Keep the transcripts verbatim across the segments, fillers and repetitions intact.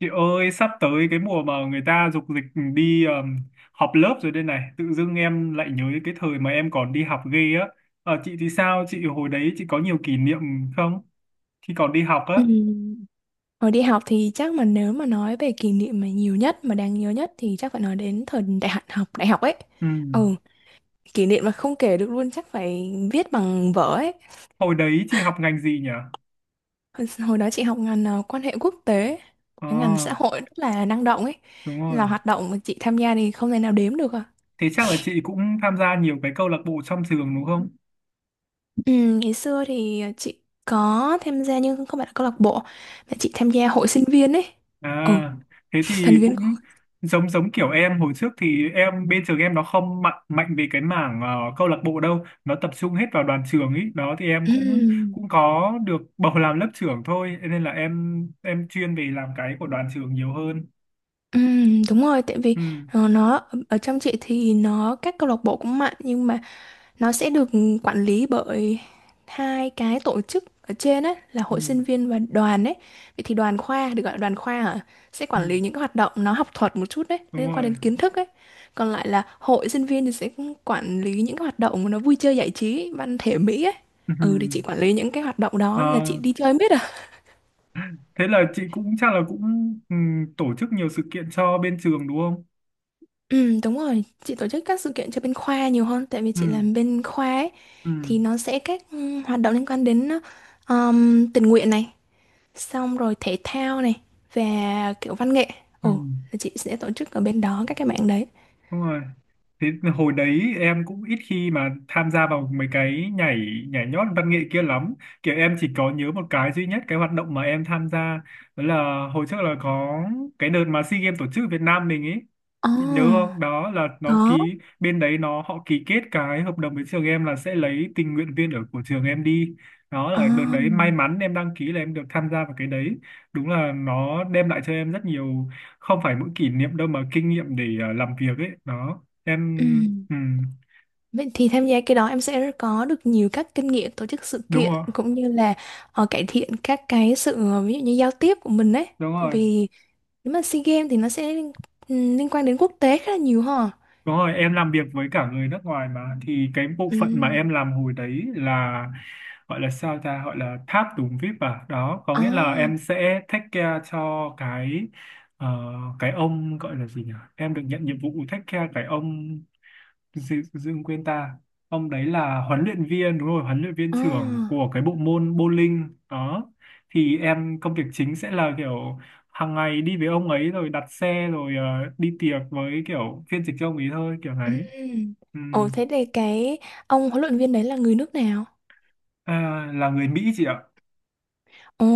Chị ơi, sắp tới cái mùa mà người ta dục dịch đi um, học lớp rồi đây này, tự dưng em lại nhớ cái thời mà em còn đi học ghê á. Ờ, chị thì sao? Chị hồi đấy chị có nhiều kỷ niệm không? Khi còn đi học á. Ừm, Hồi đi học thì chắc mà nếu mà nói về kỷ niệm mà nhiều nhất mà đáng nhớ nhất thì chắc phải nói đến thời đại học học đại học ấy. Ừ. Ừ, kỷ niệm mà không kể được luôn chắc phải viết bằng vở ấy. Hồi đấy chị học ngành gì nhỉ? Hồi hồi đó chị học ngành ờ, quan hệ quốc tế, Ờ, cái ngành xã hội rất là năng động ấy. đúng rồi. Là hoạt động mà chị tham gia thì không thể nào đếm được à. Thế chắc là chị cũng tham gia nhiều cái câu lạc bộ trong trường đúng không? Ừ, ngày xưa thì ờ, chị có tham gia nhưng không phải là câu lạc bộ mà chị tham gia hội sinh viên ấy. Ừ, À, thế thành thì viên của. cũng hội. giống giống kiểu em hồi trước thì em bên trường em nó không mạnh mạnh về cái mảng ờ, câu lạc bộ đâu, nó tập trung hết vào đoàn trường ý. Đó thì em Ừ. cũng cũng có được bầu làm lớp trưởng thôi, nên là em em chuyên về làm cái của đoàn trường nhiều hơn. Ừm, đúng rồi, tại vì Ừ, ờ, nó ở trong chị thì nó các câu lạc bộ cũng mạnh nhưng mà nó sẽ được quản lý bởi hai cái tổ chức ở trên ấy là ừ, hội sinh viên và đoàn ấy. Vậy thì đoàn khoa được gọi là đoàn khoa hả? Sẽ ừ, quản lý những cái hoạt động nó học thuật một chút đấy, đúng liên quan rồi. đến kiến thức ấy. Còn lại là hội sinh viên thì sẽ quản lý những cái hoạt động nó vui chơi giải trí, văn thể mỹ ấy. Ừ. Ừ thì chị quản lý những cái hoạt động Ờ, đó nên là chị đi chơi biết à? thế là chị cũng chắc là cũng ừ, tổ chức nhiều sự kiện cho bên trường đúng không? Ừ, đúng rồi, chị tổ chức các sự kiện cho bên khoa nhiều hơn tại vì Ừ, chị làm bên khoa ấy, ừ, thì nó sẽ các ừ, hoạt động liên quan đến um, tình nguyện này, xong rồi thể thao này và kiểu văn nghệ. ừ, Ồ, là chị sẽ tổ chức ở bên đó các cái mạng đấy. đúng rồi. Thế hồi đấy em cũng ít khi mà tham gia vào mấy cái nhảy nhảy nhót văn nghệ kia lắm. Kiểu em chỉ có nhớ một cái duy nhất cái hoạt động mà em tham gia đó là hồi trước là có cái đợt mà SEA Games tổ chức ở Việt Nam mình ấy. Ồ, Chị nhớ không? Đó là nó có. ký bên đấy nó họ ký kết cái hợp đồng với trường em là sẽ lấy tình nguyện viên ở của trường em đi. Đó Ồ. là đợt đấy may mắn em đăng ký là em được tham gia vào cái đấy. Đúng là nó đem lại cho em rất nhiều không phải mỗi kỷ niệm đâu mà kinh nghiệm để ờ, làm việc ấy. Đó Ừ. em ừ, Vậy thì tham gia cái đó em sẽ có được nhiều các kinh nghiệm tổ chức sự đúng kiện rồi cũng như là ờ, cải thiện các cái sự ờ, ví dụ như giao tiếp của mình ấy. đúng Tại rồi vì nếu mà SEA Games thì nó sẽ liên, ừm, liên quan đến quốc tế khá là nhiều ha. đúng rồi em làm việc với cả người nước ngoài mà thì cái bộ phận mà Ừm. em làm hồi đấy là gọi là sao ta gọi là tháp tùng vi ai pi à, đó có nghĩa là À, em sẽ take care cho cái ờ, cái ông gọi là gì nhỉ, em được nhận nhiệm vụ take care cái ông Dương, Dương quên ta, ông đấy là huấn luyện viên, đúng rồi huấn luyện viên trưởng à, của cái bộ môn bowling đó, thì em công việc chính sẽ là kiểu hàng ngày đi với ông ấy rồi đặt xe rồi ờ, đi tiệc với kiểu phiên dịch cho ông ấy thôi kiểu đấy ừm. ừ. Ồ, thế thì cái ông huấn luyện viên đấy là người nước nào? À, là người Mỹ chị ạ. Ồ,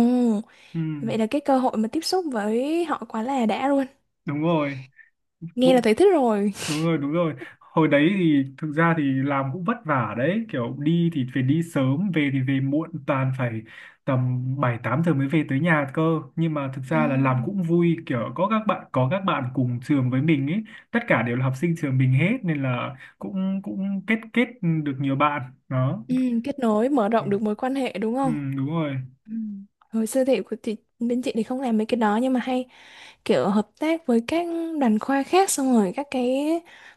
Ừ. vậy là cái cơ hội mà tiếp xúc với họ quá là đã luôn. Đúng rồi Nghe là Vũ, thấy thích rồi. đúng rồi đúng rồi, hồi đấy thì thực ra thì làm cũng vất vả đấy, kiểu đi thì phải đi sớm về thì về muộn, toàn phải tầm bảy tám giờ mới về tới nhà cơ, nhưng mà thực ra là làm Ừm, cũng vui, kiểu có các bạn có các bạn cùng trường với mình ấy, tất cả đều là học sinh trường mình hết nên là cũng cũng kết kết được nhiều bạn đó ừm, kết nối, mở rộng được mối quan hệ đúng ừ, không? đúng rồi Ừm. Hồi xưa thì, thì bên chị thì không làm mấy cái đó nhưng mà hay kiểu hợp tác với các đoàn khoa khác xong rồi các cái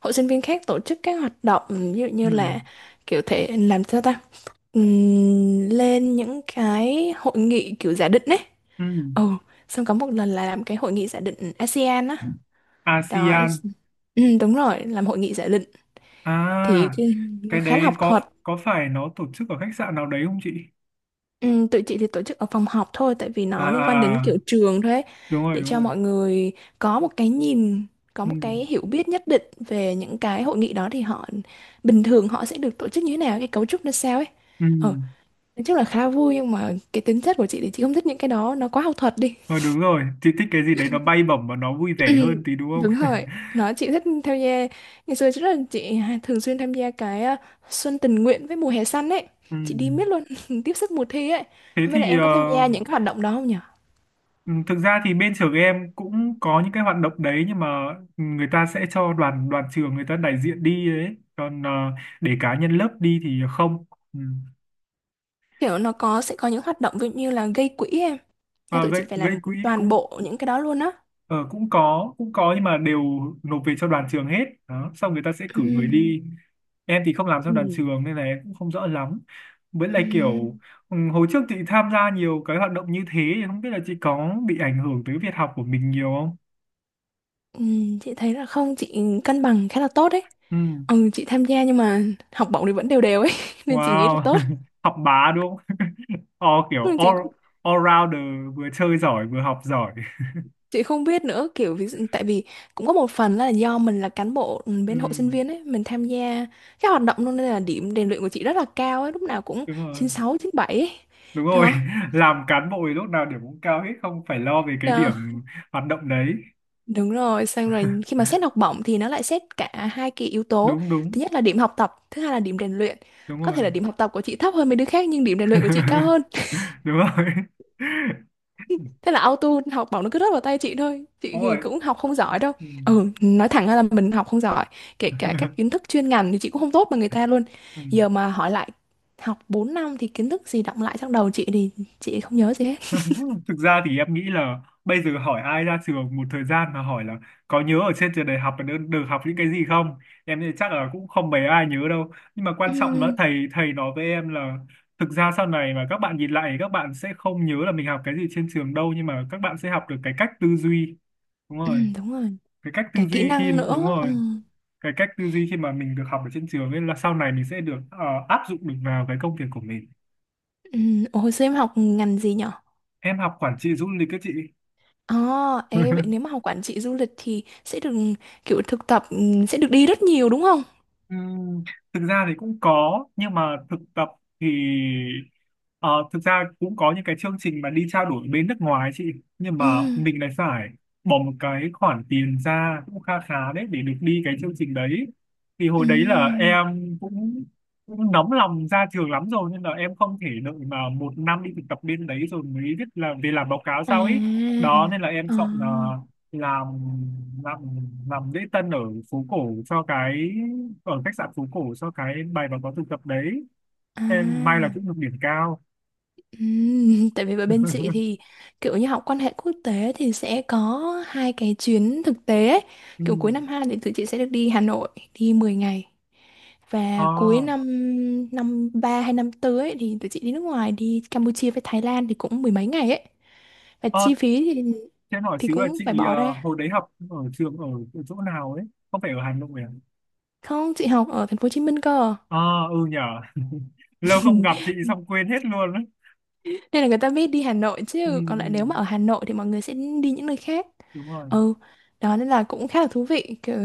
hội sinh viên khác tổ chức các hoạt động ví dụ ừ, như là kiểu thể làm sao ta. Ừm, lên những cái hội nghị kiểu giả định ấy, ừ. ừ, xong có một lần là làm cái hội nghị giả định a se an á. Đó, a sê an ừ, đúng rồi, làm hội nghị giả định thì à, cái, nó cái khá là đấy học thuật. có có phải nó tổ chức ở khách sạn nào đấy không chị? Ừ, tụi chị thì tổ chức ở phòng họp thôi tại vì À nó liên quan đến à kiểu à. trường thôi ấy, Đúng rồi để đúng cho rồi mọi người có một cái nhìn, có ừ. một cái hiểu biết nhất định về những cái hội nghị đó thì họ bình thường họ sẽ được tổ chức như thế nào, cái cấu trúc nó sao ấy. Ừ. ờ nói chung là khá vui nhưng mà cái tính chất của chị thì chị không thích những cái đó, nó quá học thuật đi. Ờ, đúng rồi chị thích cái gì đấy nó bay bổng và nó vui Ừ, vẻ hơn tí đúng đúng không? rồi, nó chị thích tham gia. Ngày xưa rất là chị hay- thường xuyên tham gia cái ờ, xuân tình nguyện với mùa hè xanh ấy. Ừ. Chị đi miết luôn. Tiếp sức mùa thi ấy, Thế không biết là thì em ờ, có tham gia những cái hoạt động đó không. ừ, thực ra thì bên trường em cũng có những cái hoạt động đấy nhưng mà người ta sẽ cho đoàn đoàn trường người ta đại diện đi đấy còn ờ, để cá nhân lớp đi thì không ừ. Kiểu nó có sẽ có những hoạt động ví dụ như là gây quỹ em, nhưng Ờ, tụi gây chị phải gây làm quỹ toàn cũng bộ những cái đó luôn á. ờ, cũng có cũng có nhưng mà đều nộp về cho đoàn trường hết đó xong người ta sẽ cử người Ừm, đi, em thì không làm cho đoàn ừm, trường nên là em cũng không rõ lắm với lại kiểu ừm. ừ, hồi trước chị tham gia nhiều cái hoạt động như thế thì không biết là chị có bị ảnh hưởng tới việc học của mình nhiều không? Ừm, chị thấy là không, chị cân bằng khá là tốt đấy. Ừ. Ừ, chị tham gia nhưng mà học bổng thì vẫn đều đều ấy nên chị nghĩ là Wow tốt. học bá đúng không? O kiểu Nhưng chị all, cũng- all rounder, vừa chơi giỏi vừa học giỏi chị không biết nữa, kiểu ví dụ tại vì cũng có một phần là do mình là cán bộ ừ, ừ. bên hội sinh viên ấy, mình tham gia các hoạt động luôn nên là điểm rèn luyện của chị rất là cao ấy, lúc nào cũng Đúng rồi chín sáu chín bảy ấy. đúng rồi. Đó. Làm cán bộ thì lúc nào điểm cũng cao hết, không phải lo về cái Đó. điểm hoạt động đấy, Đúng rồi, xong rồi khi mà xét học bổng thì nó lại xét cả hai cái yếu tố. đúng đúng Thứ nhất là điểm học tập, thứ hai là điểm rèn luyện. đúng Có rồi. thể là điểm học tập của chị thấp hơn mấy đứa khác nhưng điểm rèn luyện của chị cao hơn. Đúng rồi Thế là auto học bổng nó cứ rớt vào tay chị thôi. Chị đúng rồi thì cũng học không giỏi đâu. ừ. Ừ, nói thẳng ra là mình học không giỏi. Kể cả các kiến thức chuyên ngành thì chị cũng không tốt bằng người ta luôn. Ừ. Giờ mà hỏi lại học bốn năm thì kiến thức gì đọng lại trong đầu chị thì chị không nhớ gì hết. Thực ra thì em nghĩ là bây giờ hỏi ai ra trường một thời gian mà hỏi là có nhớ ở trên trường đại học được, được học những cái gì không, em nghĩ chắc là cũng không mấy ai nhớ đâu, nhưng mà quan trọng là Ừm, thầy thầy nói với em là thực ra sau này mà các bạn nhìn lại các bạn sẽ không nhớ là mình học cái gì trên trường đâu nhưng mà các bạn sẽ học được cái cách tư duy, đúng rồi ừm, đúng rồi. cái cách Cả tư kỹ duy khi năng mà đúng nữa. Ừ. rồi cái cách tư duy khi mà mình được học ở trên trường ấy là sau này mình sẽ được ờ, áp dụng được vào cái công việc của mình. Ừ. Ồ, hồi xưa em học ngành gì nhỉ? Em học quản trị du lịch các chị. Ồ, ê, vậy nếu mà học quản trị du lịch thì sẽ được kiểu thực tập, ừ, sẽ được đi rất nhiều đúng không? Thực ra thì cũng có nhưng mà thực tập thì ờ, thực ra cũng có những cái chương trình mà đi trao đổi bên nước ngoài ấy chị, nhưng mà Ừ, mình lại phải bỏ một cái khoản tiền ra cũng kha khá đấy để được đi cái chương trình đấy, thì hồi ừ, đấy là em cũng cũng nóng lòng ra trường lắm rồi nên là em không thể đợi mà một năm đi thực tập bên đấy rồi mới biết là về làm báo cáo à, sau ấy, đó nên là em ờ, chọn ờ, làm làm làm lễ tân ở phố cổ cho cái ở khách sạn phố cổ cho cái bài báo cáo thực tập đấy, à, em may là cũng được điểm cao ừ. Tại vì với bên chị thì kiểu như học quan hệ quốc tế thì sẽ có hai cái chuyến thực tế ấy. ừ. Kiểu cuối năm hai thì tụi chị sẽ được đi Hà Nội đi mười ngày. Ờ Và cuối năm năm ba hay năm bốn ấy, thì tụi chị đi nước ngoài đi Campuchia với Thái Lan thì cũng mười mấy ngày ấy. Và ờ chi phí thì cho em hỏi thì xíu là cũng chị phải bỏ ờ, ra. hồi đấy học ở trường ở, ở chỗ nào ấy, không phải ở Hà Nội à? Không, chị học ở thành phố Hồ Chí Minh cơ. Ờ ừ nhở. Lâu không gặp chị xong quên hết luôn ấy. Nên là người ta biết đi Hà Nội, Ừ, chứ còn ừ, lại nếu mà ở Hà Nội thì mọi người sẽ đi những nơi khác. đúng rồi Ừ, đó nên là cũng khá là thú vị. Kiểu,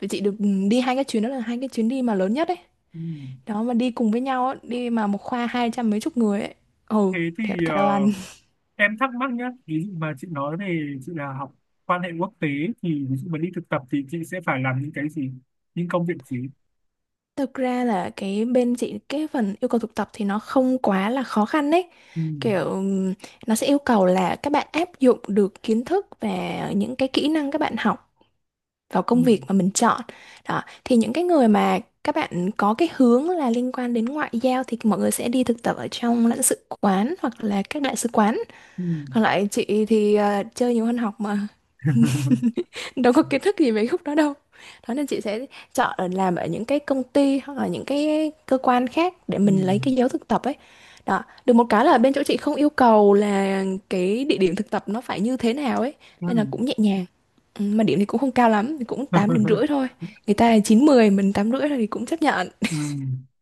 tụi chị được đi hai cái chuyến đó, là hai cái chuyến đi mà lớn nhất ấy. ừ. Đó mà đi cùng với nhau á, đi mà một khoa hai trăm mấy chục người ấy. Ừ, Thế thiệt thì cả ờ, đoàn. em thắc mắc nhá, ví dụ mà chị nói về chị là học quan hệ quốc tế thì ví dụ mà đi thực tập thì chị sẽ phải làm những cái gì, những công việc gì? Thực ra là cái bên chị cái phần yêu cầu thực tập thì nó không quá là khó khăn đấy. Ừ. Kiểu ừm, nó sẽ yêu cầu là các bạn áp dụng được kiến thức và những cái kỹ năng các bạn học vào Ừ. công việc mà mình chọn. Đó, thì những cái người mà các bạn có cái hướng là liên quan đến ngoại giao thì mọi người sẽ đi thực tập ở trong lãnh sự quán hoặc là các đại sứ quán. Ừ. Còn lại chị thì ờ, chơi nhiều hơn học mà, đâu có kiến thức gì về khúc đó đâu. Đó nên chị sẽ chọn ở làm ở những cái công ty hoặc là những cái cơ quan khác để Ừ. mình lấy cái dấu thực tập ấy. Đó, được một cái là bên chỗ chị không yêu cầu là cái địa điểm thực tập nó phải như thế nào ấy, Ừ. nên là cũng nhẹ nhàng. Ừ, mà điểm thì cũng không cao lắm, thì cũng tám điểm rưỡi thôi. Người ta là chín mười, mình tám rưỡi thôi thì cũng chấp nhận. Ừ.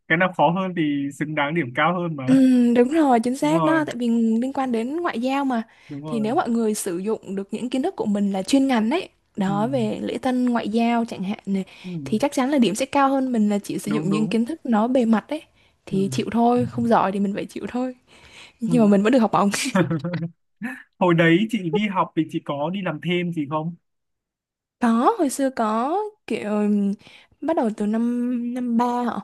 Cái nào khó hơn thì xứng đáng điểm cao hơn mà. Ừm, đúng rồi, chính Đúng xác rồi, đó, tại vì liên quan đến ngoại giao mà. đúng Thì rồi. nếu mọi người sử dụng được những kiến thức của mình là chuyên ngành ấy, Ừ. đó, về lễ tân ngoại giao chẳng hạn này, Ừ. thì chắc chắn là điểm sẽ cao hơn mình là chỉ sử Đúng dụng những đúng. kiến thức nó bề mặt ấy. Ừ. Thì chịu thôi, không giỏi thì mình phải chịu thôi. Ừ. Nhưng mà mình vẫn được học bổng. Hồi đấy chị đi học thì chị có đi làm thêm gì không? Có, hồi xưa có, kiểu ừm, bắt đầu từ năm năm ba hả?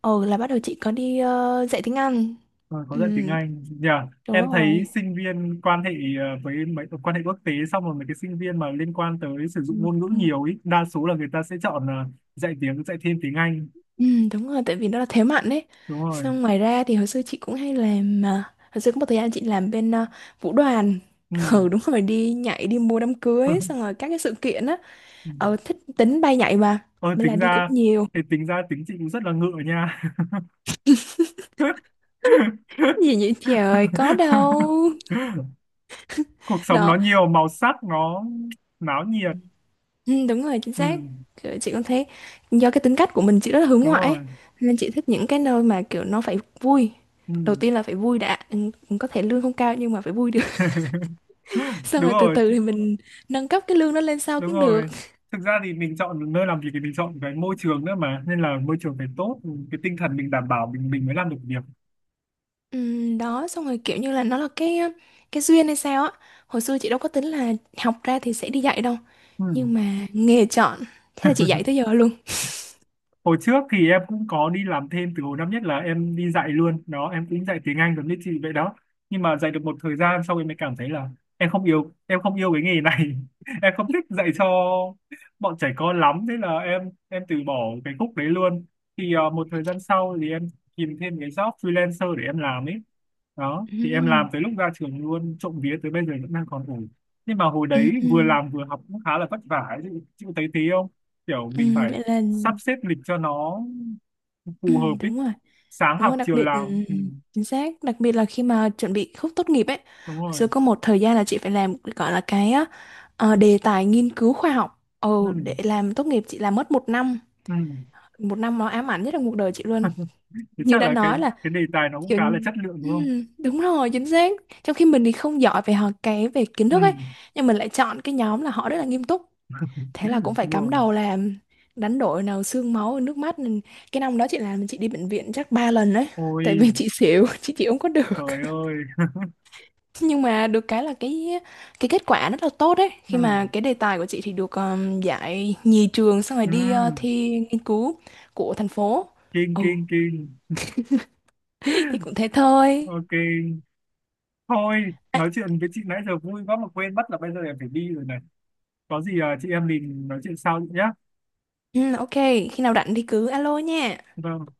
Ờ là bắt đầu chị có đi ờ, dạy tiếng Anh. Ờ, có Ừ, dạy tiếng Anh. Nhờ đúng em thấy rồi. sinh viên quan hệ ờ, với mấy quan hệ quốc tế xong rồi mấy cái sinh viên mà liên quan tới sử dụng ngôn ngữ Ừ. nhiều ý, đa số là người ta sẽ chọn ờ, dạy tiếng dạy thêm tiếng Anh. Ừ, đúng rồi, tại vì nó là thế mạnh ấy. Đúng rồi. Xong ngoài ra thì hồi xưa chị cũng hay làm, mà hồi xưa có một thời gian chị làm bên ờ, vũ đoàn. Ừ. Ừ, đúng rồi, đi nhảy đi mua đám cưới xong rồi các cái sự kiện á. Ừ. Ờ, thích tính bay nhảy mà. Ôi, Nên là tính đi cũng ra nhiều. thì tính ra tính chị cũng rất là ngựa nha. Gì vậy trời, có đâu. Cuộc sống nó Đó, nhiều màu sắc, nó náo nhiệt. ừ, đúng rồi, chính Ừ, xác. Kiểu chị cũng thấy do cái tính cách của mình chị rất là hướng đúng ngoại rồi. ấy. Nên chị thích những cái nơi mà kiểu nó phải vui. Ừ. Đầu tiên là phải vui đã. Ừ, có thể lương không cao nhưng mà phải vui được. Xong Đúng rồi từ rồi, từ th- thì mình nâng cấp cái lương đó lên sau đúng cũng được. rồi. Thực ra thì mình chọn nơi làm việc thì mình chọn cái môi trường nữa mà, nên là môi trường phải tốt, cái tinh thần mình đảm bảo mình mình mới làm được việc. Ừm, đó, xong rồi kiểu như là nó là cái cái duyên hay sao á, hồi xưa chị đâu có tính là học ra thì sẽ đi dạy đâu, Ừ. nhưng mà nghề chọn, thế là chị dạy tới giờ luôn. Hồi trước thì em cũng có đi làm thêm từ hồi năm nhất là em đi dạy luôn đó, em cũng dạy tiếng Anh giống như chị vậy đó, nhưng mà dạy được một thời gian sau em mới cảm thấy là em không yêu em không yêu cái nghề này, em không thích dạy cho bọn trẻ con lắm thế là em em từ bỏ cái khúc đấy luôn, thì ờ, một thời gian sau thì em tìm thêm cái job freelancer để em làm ấy, đó thì em làm Ừm. tới lúc ra trường luôn, trộm vía tới bây giờ vẫn đang còn ổn, nhưng mà hồi Ừm, đấy vừa ừm, làm vừa học cũng khá là vất vả ấy. chị, chị có thấy thế không? Kiểu mình ừm, phải vậy là sắp xếp lịch cho nó phù hợp ừm, ý, đúng rồi, sáng đúng rồi, học đặc chiều biệt làm ừm, ừ, chính xác, đặc biệt là khi mà chuẩn bị khúc tốt nghiệp ấy. đúng rồi Rồi có một thời gian là chị phải làm gọi là cái á, ờ, đề tài nghiên cứu khoa học, ừ, ừ, để làm tốt nghiệp chị làm mất một năm. ừ. Một năm nó ám ảnh nhất là cuộc đời chị luôn, Thế như chắc đã là cái nói là cái đề tài nó cũng kiểu khá là chất lượng đúng không? ừm, đúng rồi, chính xác. Trong khi mình thì không giỏi về học cái về kiến Ừ, thức ấy, nhưng mình lại chọn cái nhóm là họ rất là nghiêm túc, thế là cũng phải đúng cắm rồi. đầu làm, đánh đổi nào xương máu nước mắt. Nên cái năm đó chị làm chị đi bệnh viện chắc ba lần đấy, Ôi tại vì chị xỉu. Chị chịu không có được. trời ơi Nhưng mà được cái là cái cái kết quả rất là tốt đấy, ừ, khi mà cái đề tài của chị thì được um, giải nhì trường, xong rồi ừ. đi uh, thi nghiên cứu của thành phố. Kinh Ừ. kinh kinh. Thì cũng thế thôi. OK, thôi À, nói chuyện với chị nãy giờ vui quá mà quên mất là bây giờ em phải đi rồi này, có gì à, chị em mình nói chuyện sau nhé. ừ, ok, khi nào rảnh thì cứ alo nha. Vâng.